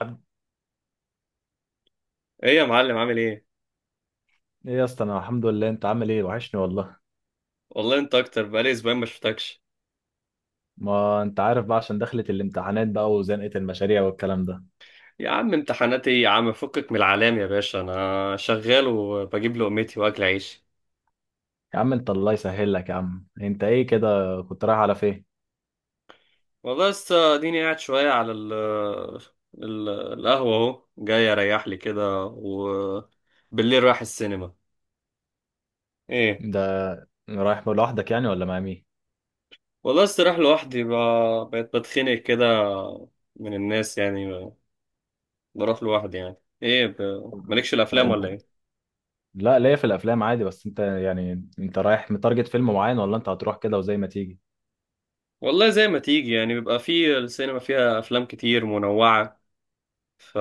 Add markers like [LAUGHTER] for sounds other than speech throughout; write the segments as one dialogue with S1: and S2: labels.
S1: عبد-
S2: ايه يا معلم؟ عامل ايه؟
S1: ايه يا اسطى، انا الحمد لله. انت عامل ايه؟ وحشني والله.
S2: والله انت اكتر، بقالي اسبوعين ما شفتكش.
S1: ما انت عارف بقى عشان دخلت الامتحانات بقى وزنقة المشاريع والكلام ده.
S2: يا عم امتحاناتي ايه يا عم، فكك من العلام يا باشا، انا شغال وبجيب لقمتي واكل عيشي.
S1: يا عم انت الله يسهل لك. يا عم انت ايه كده؟ كنت رايح على فين؟
S2: والله لسه اديني قاعد شويه على القهوه، اهو جاي اريح لي كده وبالليل رايح السينما. ايه.
S1: ده رايح لوحدك يعني ولا مع مين؟
S2: والله لسه رايح لوحدي، بقيت بتخنق كده من الناس يعني، بروح لوحدي يعني. ايه، مالكش
S1: طب
S2: الافلام
S1: انت،
S2: ولا ايه؟
S1: لا ليا في الافلام عادي، بس انت يعني انت رايح متارجت فيلم معين ولا انت هتروح كده وزي ما تيجي؟
S2: والله زي ما تيجي يعني، بيبقى في السينما فيها افلام كتير منوعة، ف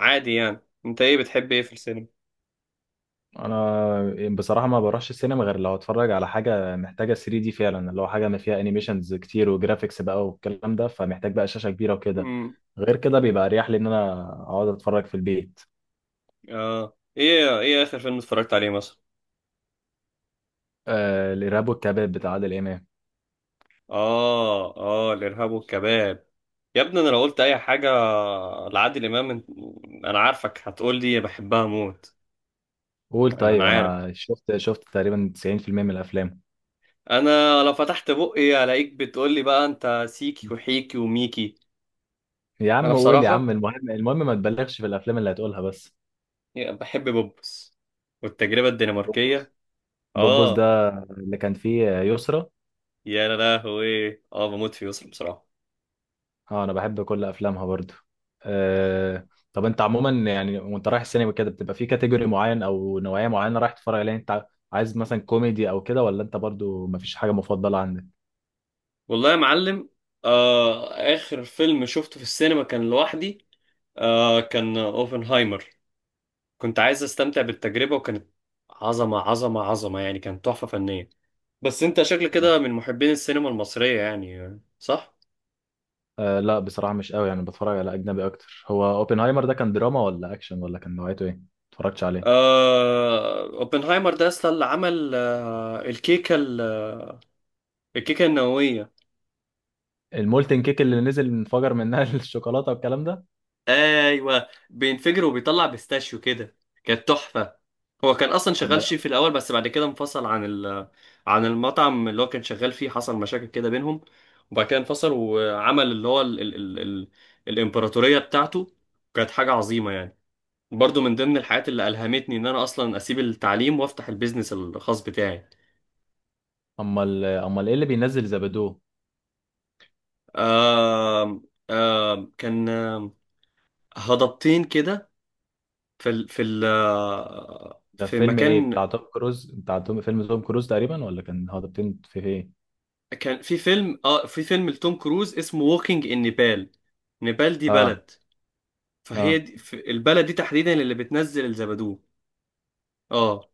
S2: عادي يعني. انت ايه بتحب ايه في السينما؟
S1: انا بصراحه ما بروحش السينما غير لو اتفرج على حاجه محتاجه 3 دي فعلا، اللي هو حاجه ما فيها انيميشنز كتير وجرافيكس بقى والكلام ده، فمحتاج بقى شاشه كبيره وكده.
S2: امم.
S1: غير كده بيبقى اريح لي ان انا اقعد اتفرج في البيت.
S2: اه، ايه اخر فيلم اتفرجت عليه مثلا؟
S1: آه، الارهاب والكباب بتاع عادل امام.
S2: اه اه، الارهاب والكباب. يا ابني، انا لو قلت اي حاجه لعادل امام، انا عارفك هتقول لي بحبها موت.
S1: قول
S2: انا
S1: طيب،
S2: عارف،
S1: انا شفت تقريبا 90% من الافلام.
S2: انا لو فتحت بقي الاقيك بتقول لي بقى انت سيكي وحيكي وميكي.
S1: يا
S2: انا
S1: عم قول يا عم،
S2: بصراحه
S1: المهم ما تبالغش في الافلام اللي هتقولها بس.
S2: بحب بوبس والتجربه
S1: بوبوس،
S2: الدنماركيه.
S1: بوبوس ده
S2: اه،
S1: اللي كان فيه يسرا؟
S2: يا لهوي اه، بموت فيه يسرا بصراحه.
S1: اه، انا بحب كل افلامها برضو. آه طب انت عموما يعني وانت رايح السينما كده بتبقى في كاتيجوري معين او نوعية معينة رايح تتفرج عليها؟ انت عايز مثلا كوميدي او كده، ولا انت برضو مفيش حاجة مفضلة عندك؟
S2: والله يا معلم، آخر فيلم شفته في السينما كان لوحدي. كان أوبنهايمر، كنت عايز أستمتع بالتجربة، وكانت عظمة عظمة عظمة يعني، كانت تحفة فنية. بس أنت شكل كده
S1: آه.
S2: من محبين السينما المصرية يعني، صح؟
S1: آه لا، بصراحة مش قوي، يعني بتفرج على أجنبي أكتر. هو أوبنهايمر ده كان دراما ولا أكشن ولا كان نوعيته إيه؟ متفرجتش عليه.
S2: أوبنهايمر ده أصلا اللي عمل الكيكة النووية.
S1: المولتن كيك اللي نزل انفجر منها [LAUGHS] الشوكولاتة والكلام ده.
S2: ايوه، بينفجر وبيطلع بيستاشيو كده، كانت تحفه. هو كان اصلا شغال
S1: أمال
S2: شيف في الاول، بس بعد كده انفصل عن عن المطعم اللي هو كان شغال فيه، حصل مشاكل كده بينهم، وبعد كده انفصل وعمل اللي هو الامبراطوريه بتاعته، كانت حاجه عظيمه يعني. برضو من ضمن الحاجات اللي الهمتني ان انا اصلا اسيب التعليم وافتح البيزنس الخاص بتاعي.
S1: أمال إيه اللي بينزل زبدو؟
S2: كان هضبتين كده في ال... في ال...
S1: ده
S2: في
S1: فيلم إيه؟
S2: مكان.
S1: بتاع توم كروز؟ بتاع توم، فيلم توم كروز تقريبا، ولا كان هو ده في إيه؟
S2: كان في فيلم لتوم كروز اسمه ووكينج ان نيبال، نيبال دي
S1: اه،
S2: بلد، فهي
S1: اه.
S2: دي، في البلد دي تحديدا اللي بتنزل الزبدو. اه.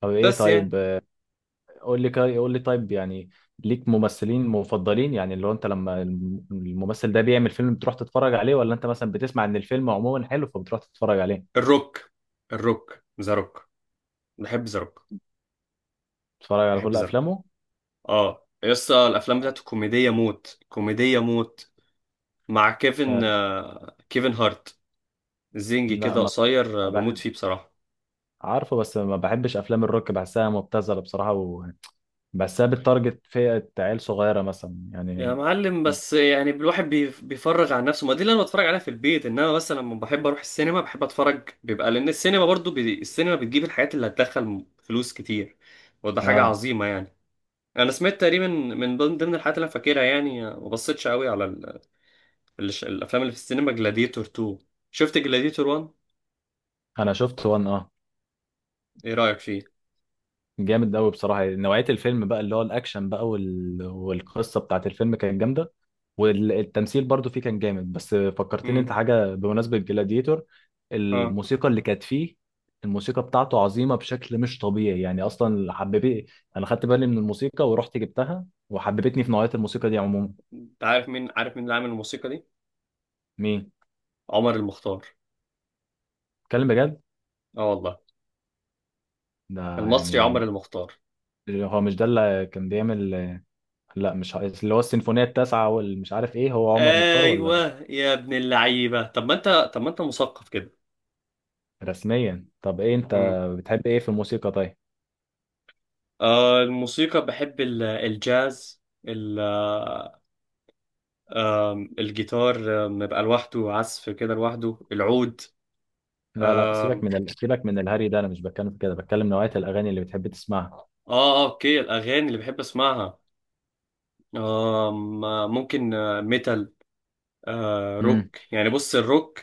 S1: طب ايه
S2: بس يعني
S1: طيب، قول لي طيب يعني، ليك ممثلين مفضلين يعني اللي هو انت لما الممثل ده بيعمل فيلم بتروح تتفرج عليه، ولا انت مثلا بتسمع ان الفيلم عموما حلو فبتروح تتفرج عليه؟
S2: الروك الروك، ذا روك، بحب ذا روك،
S1: تتفرج على
S2: بحب
S1: كل
S2: ذا روك.
S1: افلامه؟
S2: اه يسطا، الافلام بتاعته كوميديه موت، كوميديه موت، مع
S1: آه
S2: كيفن هارت، زنجي
S1: لا،
S2: كده
S1: ما
S2: قصير،
S1: ما بح-
S2: بموت فيه بصراحه.
S1: عارفه، بس ما بحبش افلام الروك، بحسها مبتذله بصراحه، وبحسها بتارجت فئه عيال صغيره مثلا
S2: يا
S1: يعني.
S2: معلم بس يعني الواحد بيفرغ عن نفسه، ما دي اللي انا بتفرج عليها في البيت، انما بس لما بحب اروح السينما بحب اتفرج، بيبقى لان السينما برضو السينما بتجيب الحاجات اللي هتدخل فلوس كتير، وده حاجة
S1: اه
S2: عظيمة يعني. انا سمعت تقريبا من ضمن الحاجات اللي انا فاكرها يعني، ما بصيتش قوي على الافلام اللي في السينما، جلاديتور 2. شفت جلاديتور 1؟
S1: انا شفت وان، اه.
S2: ايه رأيك فيه؟
S1: جامد قوي بصراحه، يعني نوعيه الفيلم بقى اللي هو الاكشن بقى والقصه بتاعت الفيلم كانت جامده، والتمثيل برضو فيه كان جامد. بس فكرتني
S2: امم.
S1: انت حاجه بمناسبه جلاديتور،
S2: اه،
S1: الموسيقى اللي كانت فيه. الموسيقى بتاعته عظيمه بشكل مش طبيعي يعني، اصلا حبيبي انا خدت بالي من الموسيقى ورحت جبتها وحببتني في نوعيه الموسيقى دي عموما.
S2: انت عارف مين اللي عامل الموسيقى دي؟
S1: مين؟
S2: عمر المختار.
S1: اتكلم بجد؟
S2: اه والله،
S1: ده
S2: المصري عمر
S1: يعني،
S2: المختار.
S1: هو مش ده اللي كان بيعمل، لا مش اللي هو السيمفونيه التاسعه والمش عارف ايه؟ هو عمر مختار ولا؟
S2: ايوه يا ابن اللعيبه، طب ما انت مثقف كده.
S1: رسميا. طب ايه انت
S2: امم.
S1: بتحب ايه في الموسيقى طيب؟
S2: آه الموسيقى، بحب الجاز، ال آه الجيتار، يبقى لوحده، عزف كده لوحده، العود.
S1: لا لا،
S2: آم،
S1: سيبك من الهري ده، انا مش بتكلم في كده، بتكلم نوعية الاغاني اللي بتحب تسمعها.
S2: اه آه، اوكي، الاغاني اللي بحب اسمعها، آم، آه، ممكن ميتال،
S1: امم.
S2: روك يعني، بص الروك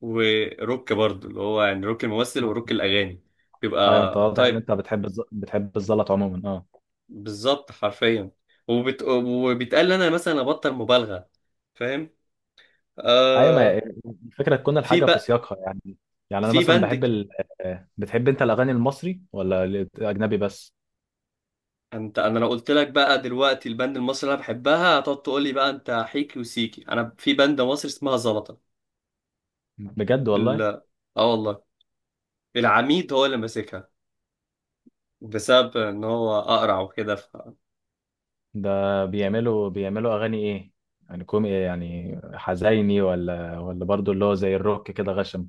S2: وروك برضه، اللي هو يعني روك الممثل وروك الاغاني، بيبقى
S1: ايوه انت واضح ان انت بتحب الزلط عموما، اه.
S2: بالظبط حرفيا، وبيتقال انا مثلا ابطل مبالغه، فاهم؟
S1: ايوه، ما هي-
S2: آه
S1: الفكرة تكون
S2: في
S1: الحاجة في
S2: بقى،
S1: سياقها يعني. يعني انا
S2: في
S1: مثلا
S2: بندك.
S1: آه، بتحب انت الاغاني المصري ولا الاجنبي بس؟
S2: انت انا لو قلت لك بقى دلوقتي البند المصري اللي انا بحبها، هتقعد تقول لي بقى انت حيكي وسيكي، انا في بند مصري اسمها زلطه.
S1: بجد
S2: ال...
S1: والله؟
S2: اه والله، العميد هو اللي ماسكها، بسبب ان هو اقرع وكده.
S1: ده بيعملوا اغاني ايه يعني؟ كوم إيه؟ يعني حزيني ولا، ولا برضو اللي هو زي الروك كده غشم؟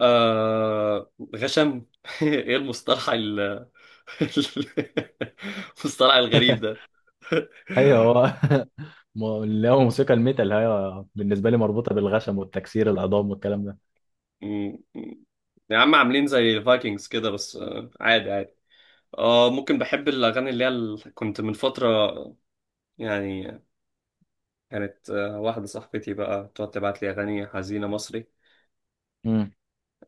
S2: غشم [LAUGHS] ايه المصطلح [LAUGHS] المصطلح الغريب
S1: [LAUGHS]
S2: ده.
S1: ايوه هو
S2: [LAUGHS]
S1: [LAUGHS] اللي هو موسيقى الميتال هي بالنسبة لي مربوطة بالغشم والتكسير العظام والكلام ده.
S2: مم. مم. يا عم، عاملين زي الفايكنجز كده بس، عادي عادي. اه ممكن، بحب الاغاني اللي هي كنت من فتره يعني، كانت واحده صاحبتي بقى تقعد تبعت لي اغاني حزينه مصري،
S1: مم.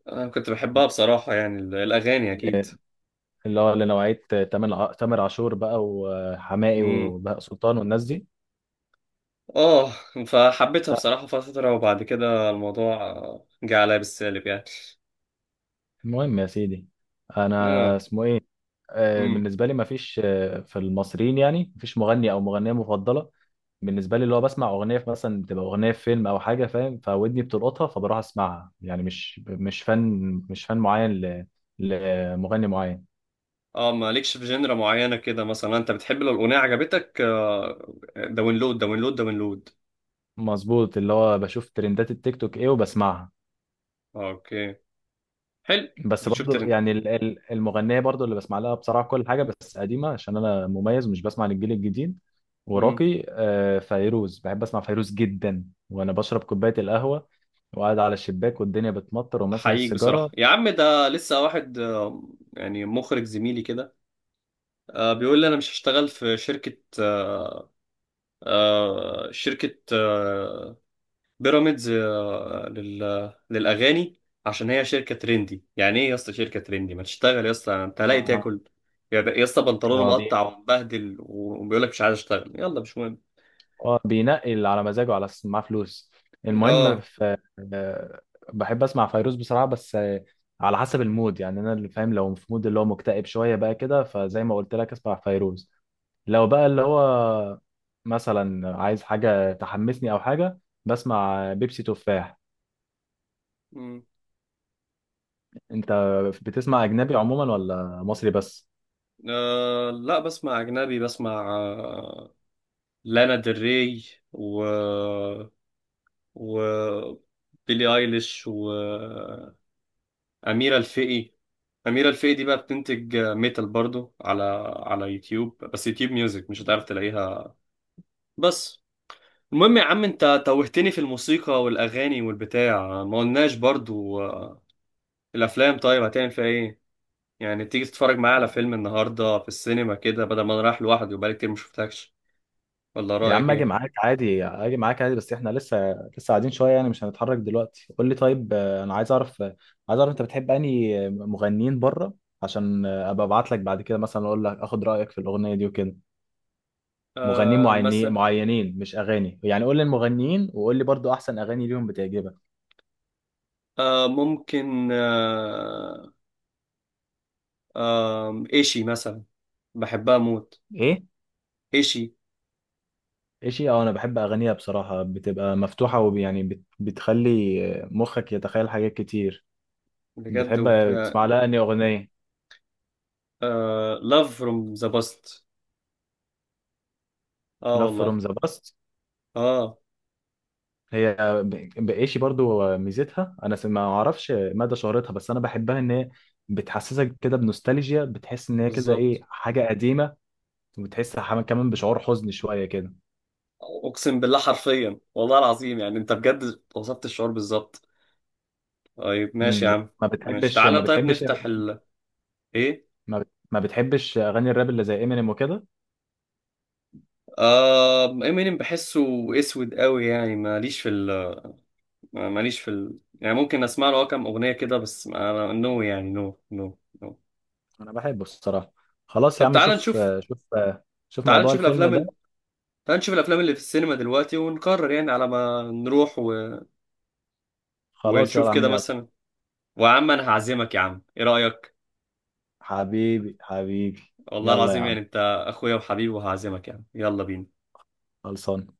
S2: انا كنت بحبها بصراحه يعني، الاغاني اكيد.
S1: اللي هو لنوعية تامر عاشور بقى وحماقي
S2: امم.
S1: وبهاء سلطان والناس دي.
S2: اه. فحبيتها
S1: لا.
S2: بصراحه فتره، وبعد كده الموضوع جه عليا بالسالب يعني.
S1: المهم يا سيدي، انا
S2: اه.
S1: اسمه ايه، آه،
S2: امم.
S1: بالنسبة لي مفيش، آه، في المصريين يعني مفيش مغني او مغنية مفضلة. بالنسبة لي اللي هو بسمع اغنية في مثلا، بتبقى اغنية في فيلم او حاجة، فاهم، فودني بتلقطها فبروح اسمعها، يعني مش فن، مش فن معين لمغني معين.
S2: اه، مالكش في جنرا معينه كده مثلا؟ انت بتحب لو الاغنيه عجبتك، داونلود داونلود داونلود.
S1: مظبوط، اللي هو بشوف ترندات التيك توك ايه وبسمعها.
S2: اوكي، حلو.
S1: بس
S2: بتشوف
S1: برضو
S2: ترند.
S1: يعني المغنيه برضو اللي بسمع لها بصراحه كل حاجه بس قديمه، عشان انا مميز مش بسمع للجيل الجديد
S2: امم.
S1: وراقي. آه، فيروز، بحب اسمع فيروز جدا وانا بشرب كوبايه القهوه وقاعد على الشباك والدنيا بتمطر وماسك
S2: احييك
S1: السيجاره.
S2: بصراحه يا عم، ده لسه واحد يعني مخرج زميلي كده، بيقول لي انا مش هشتغل في شركه بيراميدز للاغاني، عشان هي شركه ترندي. يعني ايه يا اسطى شركه ترندي؟ ما تشتغل يا اسطى، انت لاقي تاكل. يا اسطى، بنطلونه
S1: آه.
S2: مقطع ومبهدل وبيقول لك مش عايز اشتغل، يلا مش مهم.
S1: اه بينقي اللي على مزاجه على اساس إن معاه فلوس. المهم
S2: اه.
S1: في، آه، بحب اسمع فيروز بصراحه، بس آه، على حسب المود يعني. انا اللي فاهم لو في مود اللي هو مكتئب شويه بقى كده فزي ما قلت لك اسمع فيروز. لو بقى اللي هو مثلا عايز حاجه تحمسني او حاجه، بسمع بيبسي تفاح.
S2: مم.
S1: انت بتسمع اجنبي عموما ولا مصري بس؟
S2: لا، بسمع أجنبي، بسمع لانا ديل ري، و و بيلي ايليش، واميره الفقي. اميره الفقي دي بقى بتنتج ميتال برضو، على يوتيوب، بس يوتيوب ميوزك مش هتعرف تلاقيها. بس المهم يا عم، انت توهتني في الموسيقى والاغاني والبتاع، ما قلناش برضو الافلام، طيب هتعمل فيها ايه؟ يعني تيجي تتفرج معايا على فيلم النهارده في السينما كده، بدل ما انا رايح لوحدي وبقالي كتير ما شفتكش، ولا
S1: يا
S2: رايك
S1: عم اجي
S2: ايه؟
S1: معاك عادي، اجي معاك عادي، بس احنا لسه قاعدين شويه يعني مش هنتحرك دلوقتي. قول لي طيب، آه، انا عايز اعرف، آه، عايز اعرف انت بتحب انهي مغنيين بره، عشان آه، ابقى ابعت لك بعد كده مثلا اقول لك اخد رايك في الاغنيه دي وكده. مغنيين معينين
S2: مثلا
S1: معينين مش اغاني يعني، قول لي المغنيين وقول لي برضو احسن اغاني ليهم بتعجبك.
S2: ممكن ايشي مثلا، بحبها موت
S1: ايه؟
S2: ايشي.
S1: ايه شيء، اه انا بحب اغانيها بصراحه، بتبقى مفتوحه ويعني بتخلي آه، مخك يتخيل حاجات كتير.
S2: بجد،
S1: بتحب تسمع لها انهي اغنيه؟
S2: love from the past. اه
S1: Love
S2: والله.
S1: from the past.
S2: اه،
S1: هي، بقيشي برضو ميزتها، انا ما اعرفش مدى شهرتها، بس انا بحبها ان هي بتحسسك كده بنوستالجيا، بتحس ان هي كده ايه،
S2: بالظبط.
S1: حاجه قديمه، وبتحس كمان بشعور حزن شويه كده.
S2: اقسم بالله، حرفيا، والله العظيم يعني انت بجد وصفت الشعور بالظبط. طيب ماشي يا
S1: امم.
S2: عم.
S1: ما
S2: ماشي،
S1: بتحبش
S2: تعالى
S1: ما
S2: طيب
S1: بتحبش
S2: نفتح ال، ايه؟
S1: ما بتحبش اغاني الراب اللي زي امينيم وكده؟
S2: امينيم، بحسه اسود قوي يعني، ماليش في ال، يعني ممكن اسمع له كام اغنيه كده، بس انا نو يعني، نو نو نو.
S1: انا بحبه الصراحه. خلاص يا
S2: طب
S1: عم،
S2: تعالى نشوف.
S1: شوف
S2: تعال
S1: موضوع
S2: نشوف
S1: الفيلم
S2: الافلام
S1: ده.
S2: تعال نشوف الافلام اللي في السينما دلوقتي، ونقرر يعني على ما نروح.
S1: خلاص يلا
S2: ونشوف
S1: يا عم
S2: كده
S1: يلا،
S2: مثلا. ويا عم انا هعزمك يا عم، ايه رايك؟
S1: حبيبي حبيبي،
S2: والله
S1: يلا يا
S2: العظيم، يعني
S1: عم،
S2: انت اخويا وحبيبي، وهعزمك يا عم، يلا بينا.
S1: خلصان.